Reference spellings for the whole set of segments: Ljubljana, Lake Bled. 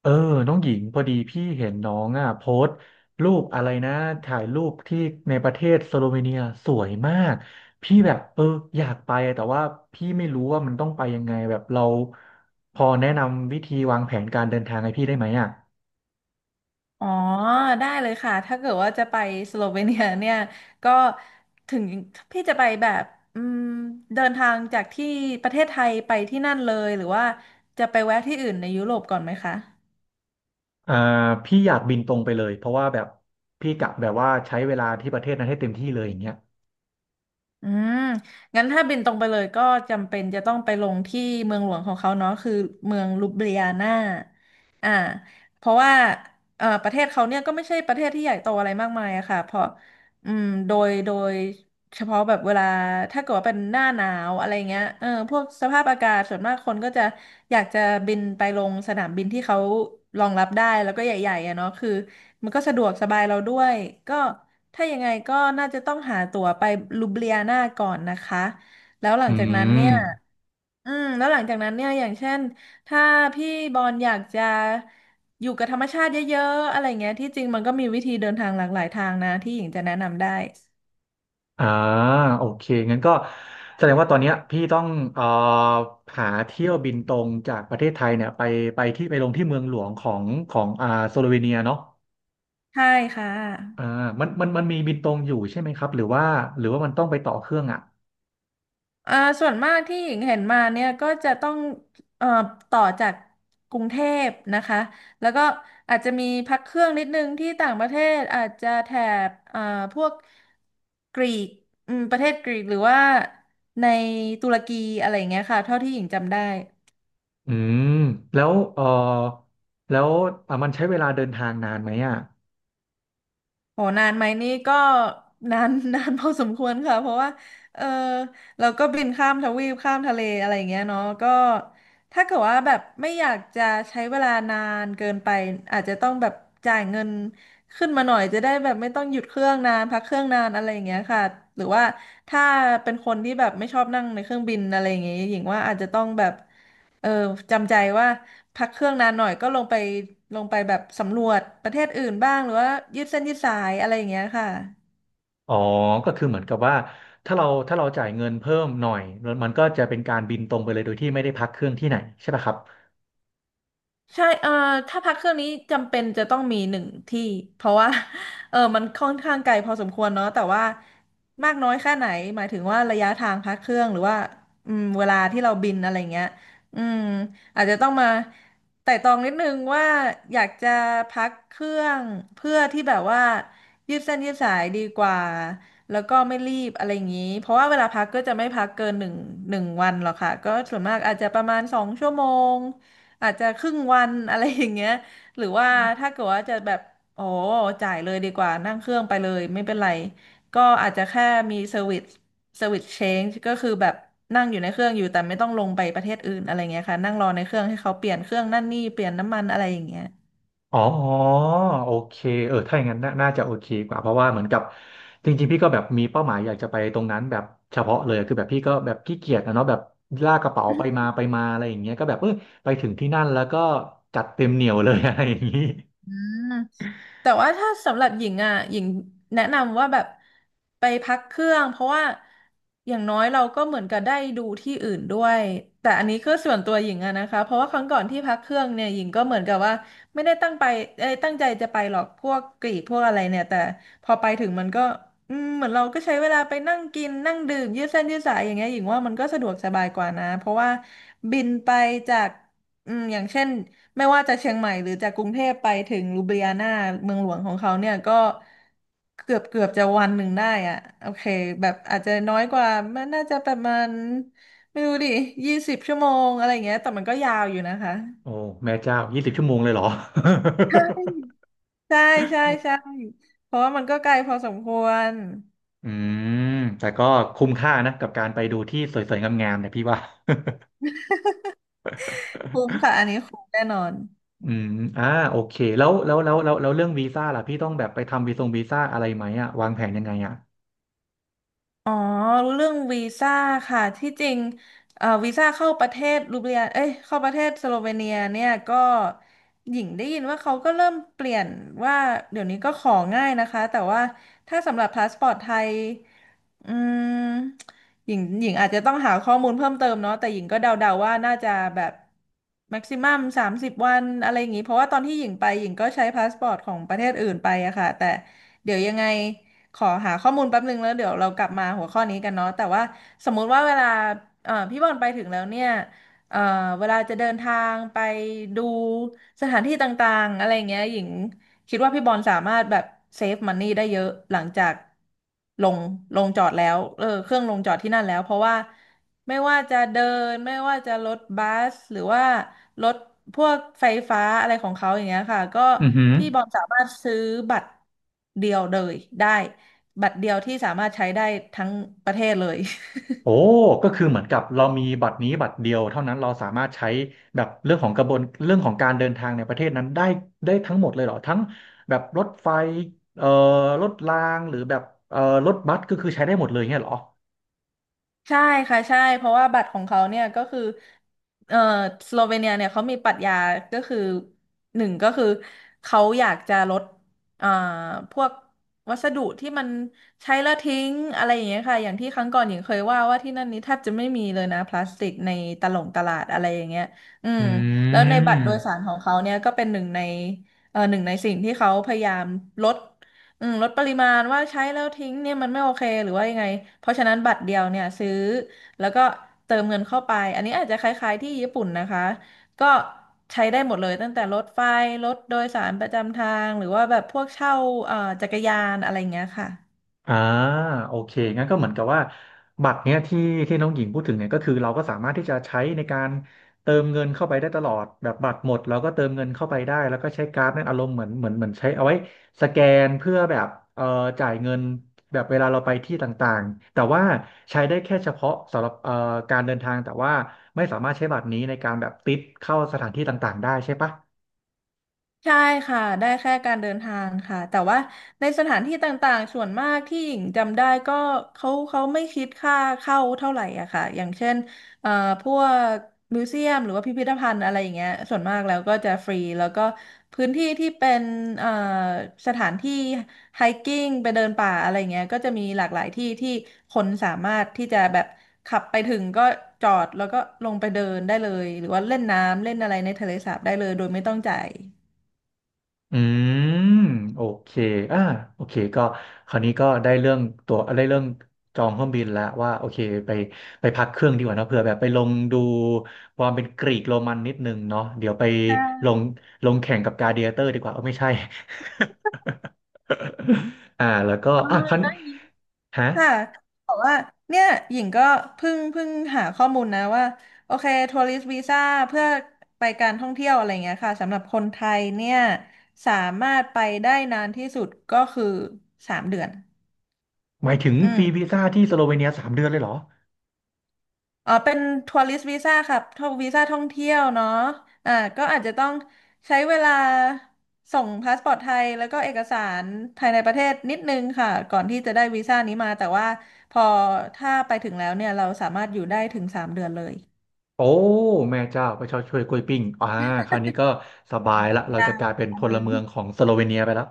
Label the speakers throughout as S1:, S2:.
S1: เออน้องหญิงพอดีพี่เห็นน้องอ่ะโพสต์รูปอะไรนะถ่ายรูปที่ในประเทศสโลเวเนียสวยมากพี่แบบอยากไปอะแต่ว่าพี่ไม่รู้ว่ามันต้องไปยังไงแบบเราพอแนะนำวิธีวางแผนการเดินทางให้พี่ได้ไหมอ่ะ
S2: อ๋อได้เลยค่ะถ้าเกิดว่าจะไปสโลเวเนียเนี่ยก็ถึงพี่จะไปแบบอืมเดินทางจากที่ประเทศไทยไปที่นั่นเลยหรือว่าจะไปแวะที่อื่นในยุโรปก่อนไหมคะ
S1: อ่าพี่อยากบินตรงไปเลยเพราะว่าแบบพี่กะแบบว่าใช้เวลาที่ประเทศนั้นให้เต็มที่เลยอย่างเงี้ย
S2: อืมงั้นถ้าบินตรงไปเลยก็จำเป็นจะต้องไปลงที่เมืองหลวงของเขาเนาะคือเมืองลูเบเลียนาอ่า เพราะว่าประเทศเขาเนี่ยก็ไม่ใช่ประเทศที่ใหญ่โตอะไรมากมายอะค่ะ เพราะโดยเฉพาะแบบเวลาถ้าเกิดว่าเป็นหน้าหนาวอะไรเงี้ยพวกสภาพอากาศส่วนมากคนก็จะอยากจะบินไปลงสนามบินที่เขารองรับได้แล้วก็ใหญ่ๆอะเนาะคือ มันก็สะดวกสบายเราด้วยก็ถ้ายังไงก็น่าจะต้องหาตั๋วไปลูบเลียนาก่อนนะคะแล้วหลั
S1: อื
S2: งจากนั้นเนี่
S1: ม
S2: ยแล้วหลังจากนั้นเนี่ย อย่างเช่น ถ้าพี่บอลอยากจะอยู่กับธรรมชาติเยอะๆอะไรเงี้ยที่จริงมันก็มีวิธีเดินทางหลากหลายทางนะ ที่หญิงจะแนะนำได้
S1: อ่าโอเคงั้นก็แสดงว่าตอนเนี้ยพี่ต้องเอ่อหาเที่ยวบินตรงจากประเทศไทยเนี่ยไปไปที่ไปลงที่เมืองหลวงของสโลเวเนียเนาะ
S2: ใช่ค่ะ
S1: อ่ามันมีบินตรงอยู่ใช่ไหมครับหรือว่ามันต้องไปต่อเครื่องอ่ะ
S2: อ่าส่วนมากที่หญิงเห็นมาเนี่ยก็จะต้องเอ่อต่อจากกรุงเทพนะคะแล้วก็อาจจะมีพักเครื่องนิดนึงที่ต่างประเทศอาจจะแถบพวกกรีกประเทศกรีกหรือว่าในตุรกีอะไรอย่างเงี้ยค่ะเท่าที่หญิงจำได้
S1: อืมแล้วเอ่อแล้วอ่ะมันใช้เวลาเดินทางนานไหมอ่ะ
S2: โหนานไหมนี่ก็ นาน นานพอสมควรค่ะเพราะว่าเออเราก็บินข้ามทวีปข้ามทะเลอะไรอย่างเงี้ยเนาะก็ถ้าเกิดว่าแบบไม่อยากจะใช้เวลานานเกินไปอาจจะต้องแบบจ่ายเงินขึ้นมาหน่อยจะได้แบบไม่ต้องหยุดเครื่องนานพักเครื่องนานอะไรอย่างเงี้ยค่ะหรือว่าถ้าเป็นคนที่แบบไม่ชอบนั่งในเครื่องบินอะไรอย่างเงี้ยหญิงว่าอาจจะต้องแบบเออจำใจว่า พักเครื่องนานหน่อยก็ลงไปแบบสำรวจประเทศอื่นบ้างหรือว่ายืดเส้นยืดสายอะไรอย่างเงี้ยค่ะ
S1: อ๋อก็คือเหมือนกับว่าถ้าเราถ้าเราจ่ายเงินเพิ่มหน่อยมันก็จะเป็นการบินตรงไปเลยโดยที่ไม่ได้พักเครื่องที่ไหนใช่ปะครับ
S2: ใช่ถ้าพักเครื่องนี้จำเป็นจะต้องมีหนึ่งที่เพราะว่า เออมันค่อนข้างไกลพอสมควรเนาะแต่ว่ามากน้อยแค่ไหนหมายถึงว่าระยะทางพักเครื่องหรือว่าเวลาที่เราบินอะไรเงี้ยอืมอาจจะต้องมาไต่ตรองนิดนึงว่าอยากจะพักเครื่องเพื่อที่แบบว่ายืดเส้นยืดสายดีกว่าแล้วก็ไม่รีบอะไรอย่างนี้เพราะว่าเวลาพักก็จะไม่พักเกินหนึ่งวันหรอกค่ะก็ส่วนมากอาจจะประมาณ2 ชั่วโมง อาจจะครึ่งวันอะไรอย่างเงี้ยหรือว่าถ้าเกิดว่าจะแบบโอ้จ่ายเลยดีกว่านั่งเครื่องไปเลยไม่เป็นไรก็อาจจะแค่มีเซอร์วิสเชนจ์ก็คือแบบนั่งอยู่ในเครื่องอยู่แต่ไม่ต้องลงไปประเทศอื่นอะไรเงี้ยค่ะนั่งรอในเครื่องให้เขาเปลี่ยนเครื่องนั่นนี่เปลี่ยนน้ำมันอะไรอย่างเงี้ย
S1: อ๋อโอเคถ้าอย่างนั้นน่าจะโอเคกว่าเพราะว่าเหมือนกับจริงๆพี่ก็แบบมีเป้าหมายอยากจะไปตรงนั้นแบบเฉพาะเลยคือแบบพี่ก็แบบขี้เกียจนะเนาะแบบลากกระเป๋าไปมาไปมาอะไรอย่างเงี้ยก็แบบไปถึงที่นั่นแล้วก็จัดเต็มเหนียวเลย อะไรอย่างงี้
S2: อืม แต่ว่าถ้าสำหรับหญิงอ่ะหญิงแนะนำว่าแบบไปพักเครื่องเพราะว่าอย่างน้อยเราก็เหมือนกับได้ดูที่อื่นด้วยแต่อันนี้คือส่วนตัวหญิงอะนะคะเพราะว่าครั้งก่อนที่พักเครื่องเนี่ยหญิงก็เหมือนกับว่าไม่ได้ตั้งใจจะไปหรอกพวกกรีกพวกอะไรเนี่ยแต่พอไปถึงมันก็เหมือนเราก็ใช้เวลาไปนั่งกินนั่งดื่มยืดเส้นยืดสายอย่างเงี้ยหญิงว่ามันก็สะดวกสบายกว่านะเพราะว่าบินไปจากอย่างเช่น ไม่ว่าจะเชียงใหม่หรือจากกรุงเทพไปถึงลูเบียนาเมืองหลวงของเขาเนี่ยก็เกือบจะวันหนึ่งได้อ่ะโอเคแบบอาจจะน้อยกว่ามันน่าจะประมาณไม่รู้ดิ20 ชั่วโมงอะไรอย่างเงี้ยแต่มันก็ยาวอยู่นะคะ
S1: โอ้แม่เจ้า20 ชั่วโมงเลยเหรอ
S2: ใช่ใช่ใช่ใช่เพราะว่ามันก็ไกลพอสมควร
S1: อืมแต่ก็คุ้มค่านะกับการไปดูที่สวยๆงามๆเนี่ยพี่ว่า
S2: คุ้มค่ะอันนี้คุ้มแน่นอน
S1: อืมอ่าโอเคแล้วเรื่องวีซ่าล่ะพี่ต้องแบบไปทำวีซงวีซ่าอะไรไหมอะวางแผนยังไงอะ
S2: อ๋อรู้เรื่องวีซ่าค่ะที่จริงวีซ่าเข้าประเทศรูเบียเอ้ยเข้าประเทศสโลเวเนียเนี่ยก็หญิงได้ยินว่าเขาก็เริ่มเปลี่ยนว่าเดี๋ยวนี้ก็ของ่ายนะคะแต่ว่าถ้าสำหรับพาสปอร์ตไทยอืมหญิงอาจจะต้องหาข้อมูลเพิ่มเติมเนาะแต่หญิงก็เดาๆว่าน่าจะแบบแม็กซิมัม30 วันอะไรอย่างนี้เพราะว่าตอนที่หญิงไปหญิงก็ใช้พาสปอร์ตของประเทศอื่นไปอะค่ะแต่เดี๋ยวยังไง ขอหาข้อมูลแป๊บนึงแล้วเดี๋ยวเรากลับมาหัวข้อนี้กันเนาะแต่ว่าสมมุติว่าเวลาพี่บอลไปถึงแล้วเนี่ยเอ่อเวลาจะเดินทางไปดูสถานที่ต่างๆอะไรเงี้ยหญิงคิดว่าพี่บอลสามารถแบบเซฟมันนี่ได้เยอะหลังจากลงลงจอดแล้วเออเครื่องลงจอดที่นั่นแล้วเพราะว่าไม่ว่าจะเดินไม่ว่าจะรถบัสหรือว่ารถพวกไฟฟ้าอะไรของเขาอย่างเงี้ยค่ะก็
S1: อือหือ
S2: พี่บอลสามารถซื้อบัตรเดียวเลยได้ บัตรเดียวที่สามารถใช้ได้ทั้งประเทศเลย
S1: โอ้ก็คือเหมือนกับเรามีบัตรนี้บัตรเดียวเท่านั้นเราสามารถใช้แบบเรื่องของกระบวนเรื่องของการเดินทางในประเทศนั้นได้ได้ทั้งหมดเลยเหรอทั้งแบบรถไฟเอ่อรถรางหรือแบบเอ่อรถบัสก็คือใช้ได้หมดเลยเงี้ยเหรอ
S2: ใช่ค่ะใช่เพราะว่าบัตรของเขาเนี่ยก็คือเอ่อสโลเวเนียเนี่ยเขามีปรัชญาก็คือหนึ่งก็คือเขาอยากจะลดอ่าพวกวัสดุที่มันใช้แล้วทิ้งอะไรอย่างเงี้ยค่ะอย่างที่ครั้งก่อนหญิงเคยว่าว่าที่นั่นนี้แทบจะไม่มีเลยนะพลาสติกในตลาดอะไรอย่างเงี้ยอืม
S1: อื
S2: แล้วในบัตรโดยสา
S1: ม
S2: รของเขาเนี่ยก็เป็นหนึ่งในเออหนึ่งในสิ่งที่เขาพยายามลด อืมลดปริมาณว่าใช้แล้วทิ้งเนี่ยมันไม่โอเคหรือว่ายังไงเพราะฉะนั้นบัตรเดียวเนี่ยซื้อแล้วก็เติมเงินเข้าไปอันนี้อาจจะคล้ายๆที่ญี่ปุ่นนะคะก็ใช้ได้หมดเลยตั้งแต่รถไฟรถโดยสารประจำทางหรือว่าแบบพวกเช่าเอ่อจักรยานอะไรอย่างเงี้ยค่ะ
S1: อ่าโอเคงั้นก็เหมือนกับว่าบัตรเนี้ยที่น้องหญิงพูดถึงเนี่ยก็คือเราก็สามารถที่จะใช้ในการเติมเงินเข้าไปได้ตลอดแบบบัตรหมดเราก็เติมเงินเข้าไปได้แล้วก็ใช้การ์ดนั่นอารมณ์เหมือนใช้เอาไว้สแกนเพื่อแบบเอ่อจ่ายเงินแบบเวลาเราไปที่ต่างๆแต่ว่าใช้ได้แค่เฉพาะสำหรับการเดินทางแต่ว่าไม่สามารถใช้บัตรนี้ในการแบบติดเข้าสถานที่ต่างๆได้ใช่ปะ
S2: ใช่ค่ะ ได้แค่การเดินทางค่ะ แต่ว่าในสถานที่ต่างๆ ส่วนมากที่หญิงจำได้ก็เขาไม่คิดค่าเข้าเท่าไหร่อะค่ะอย่างเช่นเอ่อพวกมิวเซียมหรือว่าพิพิธภัณฑ์อะไรอย่างเงี้ยส่วนมากแล้วก็จะฟรีแล้วก็พื้นที่ที่เป็นเอ่อสถานที่ไฮกิ้งไปเดินป่าอะไรเงี้ยก็จะมีหลากหลายที่ที่คนสามารถที่จะแบบขับไปถึงก็จอดแล้วก็ลงไปเดินได้เลยหรือว่าเล่นน้ำเล่นอะไรในทะเลสาบได้เลยโดยไม่ต้องจ่าย
S1: อืมโอเคอ่าโอเคก็คราวนี้ก็ได้เรื่องตัวได้เรื่องจองเครื่องบินแล้วว่าโอเคไปไปพักเครื่องดีกว่าเนอะเผื่อแบบไปลงดูความเป็นกรีกโรมันนิดนึงเนาะเดี๋ยวไปลงลงแข่งกับกลาดิเอเตอร์ดีกว่าเออไม่ใช่ แล้วก็อ่ะครันฮะ
S2: ค่ะบอกว่าเนี่ยหญิงก็เพิ่งหาข้อมูลนะว่าโอเคทัวริสต์วีซ่าเพื่อไปการท่องเที่ยวอะไรเงี้ยค่ะสำหรับคนไทยเนี่ยสามารถไปได้นานที่สุดก็คือสามเดือน
S1: หมายถึง
S2: อื
S1: ฟรี
S2: ม
S1: วีซ่าที่สโลเวเนีย3 เดือนเลยเหรอ
S2: อ๋อเป็นทัวริสต์วีซ่าค่ะทัววีซ่าท่องเที่ยวเนาะอ่าก็อาจจะต้องใช้เวลาส่งพาสปอร์ตไทยแล้วก็เอกสารภายในประเทศนิดนึงค่ะ ก่อนที่จะได้วีซ่านี้มา แต่ว่าพอถ้าไปถึงแล้วเนี่ย เราสามารถอยู่ได้ถึงสามเดือนเลย
S1: โอ้แม่เจ้าพระเจ้าช่วยกล้วยปิ้งอ่าคราวนี้ก็สบายละเรา
S2: ได้
S1: จะกลายเป็น
S2: ค่ะ
S1: พ
S2: เล
S1: ลเมือง
S2: ย
S1: ของสโลเวเนียไปแล้ว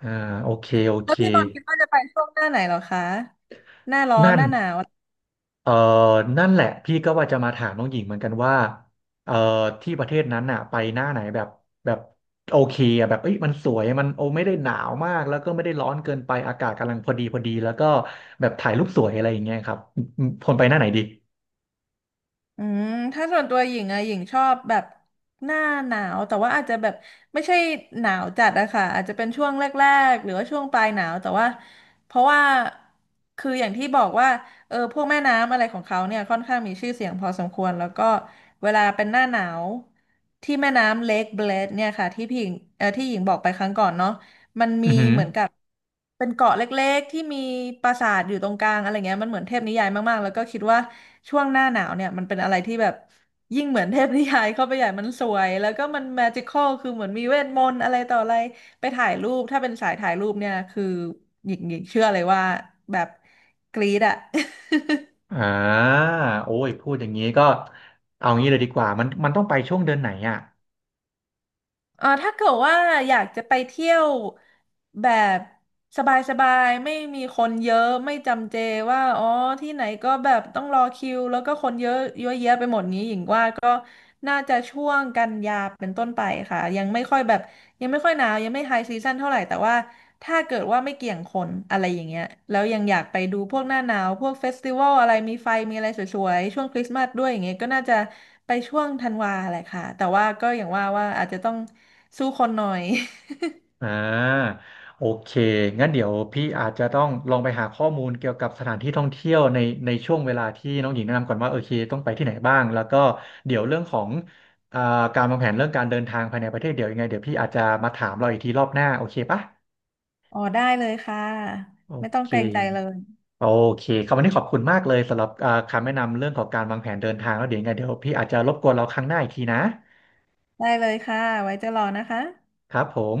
S1: อ่าโอเคโอ
S2: แล้
S1: เค
S2: วพี่บอลคิดว่าจะไปช่วงหน้าไหนเหรอคะ
S1: นั่นเอ่อนั่นแหละพี่ก็ว่าจะมาถามน้องหญิงเหมือนกันว่าเอ่อที่ประเทศนั้นน่ะไปหน้าไหนแบบแบบโอเคอะแบบเอ้ยมันสวยมันโอไม่ได้หนาวมากแล้วก็ไม่ได้ร้อนเกินไปอากาศกำลังพอดีพอดีแล้วก็แบบถ่ายรูปสวยอะไรอย่างเงี้ยครับคนไปหน้าไหนดี
S2: อืมถ้าส่วนตัวหญิงอะหญิงชอบแบบหน้าหนาวแต่ว่าอาจจะแบบไม่ใช่หนาวจัดอะค่ะอาจจะเป็นช่วงแรกๆหรือว่าช่วงปลายหนาวแต่ว่าเพราะว่าคืออย่างที่บอกว่าเออพวกแม่น้ำอะไรของเขาเนี่ยค่อนข้างมีชื่อเสียงพอสมควรแล้วก็เวลาเป็นหน้าหนาวที่แม่น้ำเลคเบลดเนี่ยค่ะที่พี่หญิงเออที่หญิงบอกไปครั้งก่อนเนาะ
S1: อือหือ
S2: เป็นเกาะเล็กๆที่มีปราสาทอยู่ตรงกลางอะไรเงี้ยมันเหมือนเทพนิยายมากๆแล้วก็คิดว่าช่วงหน้าหนาวเนี่ยมันเป็นอะไรที่แบบยิ่งเหมือนเทพนิยายเข้าไปใหญ่มันสวยแล้วก็มันแมจิคอลคือเหมือนมีเวทมนต์อะไรต่ออะไรไปถ่ายรูปถ้าเป็นสายถ่ายรูปเนี่ยคือหญิงเชื่อเลยว่าแบบกรี๊ดอะ
S1: อ่าโอ้ยพูดอย่างนี้ก็เอางี้เลยดีกว่ามันต้องไปช่วงเดือนไหนอ่ะ
S2: เออถ้าเกิดว่าอยากจะไปเที่ยวแบบสบายๆไม่มีคนเยอะไม่จำเจว่าอ๋อที่ไหนก็แบบต้องรอคิวแล้วก็คนเยอะเยอะแยะไปหมดนี้หญิงว่าก็น่าจะช่วงกันยาเป็นต้นไปค่ะยังไม่ค่อยแบบยังไม่ค่อยหนาวยังไม่ไฮซีซั่นเท่าไหร่แต่ว่าถ้าเกิดว่าไม่เกี่ยงคนอะไรอย่างเงี้ยแล้วยังอยากไปดูพวกหน้าหนาวพวกเฟสติวัลอะไรมีไฟมีอะไรสวยๆช่วงคริสต์มาสด้วยอย่างเงี้ยก็น่าจะ ไปช่วงธันวาแหละค่ะแต่ว่าก็อย่างว่าว่าอาจจะต้องสู้คนหน่อย
S1: อ่าโอเคงั้นเดี๋ยวพี่อาจจะต้องลองไปหาข้อมูลเกี่ยวกับสถานที่ท่องเที่ยวในในช่วงเวลาที่น้องหญิงแนะนำก่อนว่าโอเคต้องไปที่ไหนบ้างแล้วก็เดี๋ยวเรื่องของอ่าการวางแผนเรื่องการเดินทางภายในประเทศเดี๋ยวยังไงเดี๋ยวพี่อาจจะมาถามเราอีกทีรอบหน้าโอเคปะ
S2: อ๋อได้เลยค่ะ
S1: โอ
S2: ไม่ต้อง
S1: เค
S2: เกรงใจเลย
S1: โอเคคำวันนี้ขอบคุณมากเลยสำหรับคำแนะนำเรื่องของการวางแผนเดินทางแล้วเดี๋ยวยังไงเดี๋ยวพี่อาจจะรบกวนเราครั้งหน้าอีกทีนะ
S2: ได้เลยค่ะไว้จะรอนะคะ
S1: ครับผม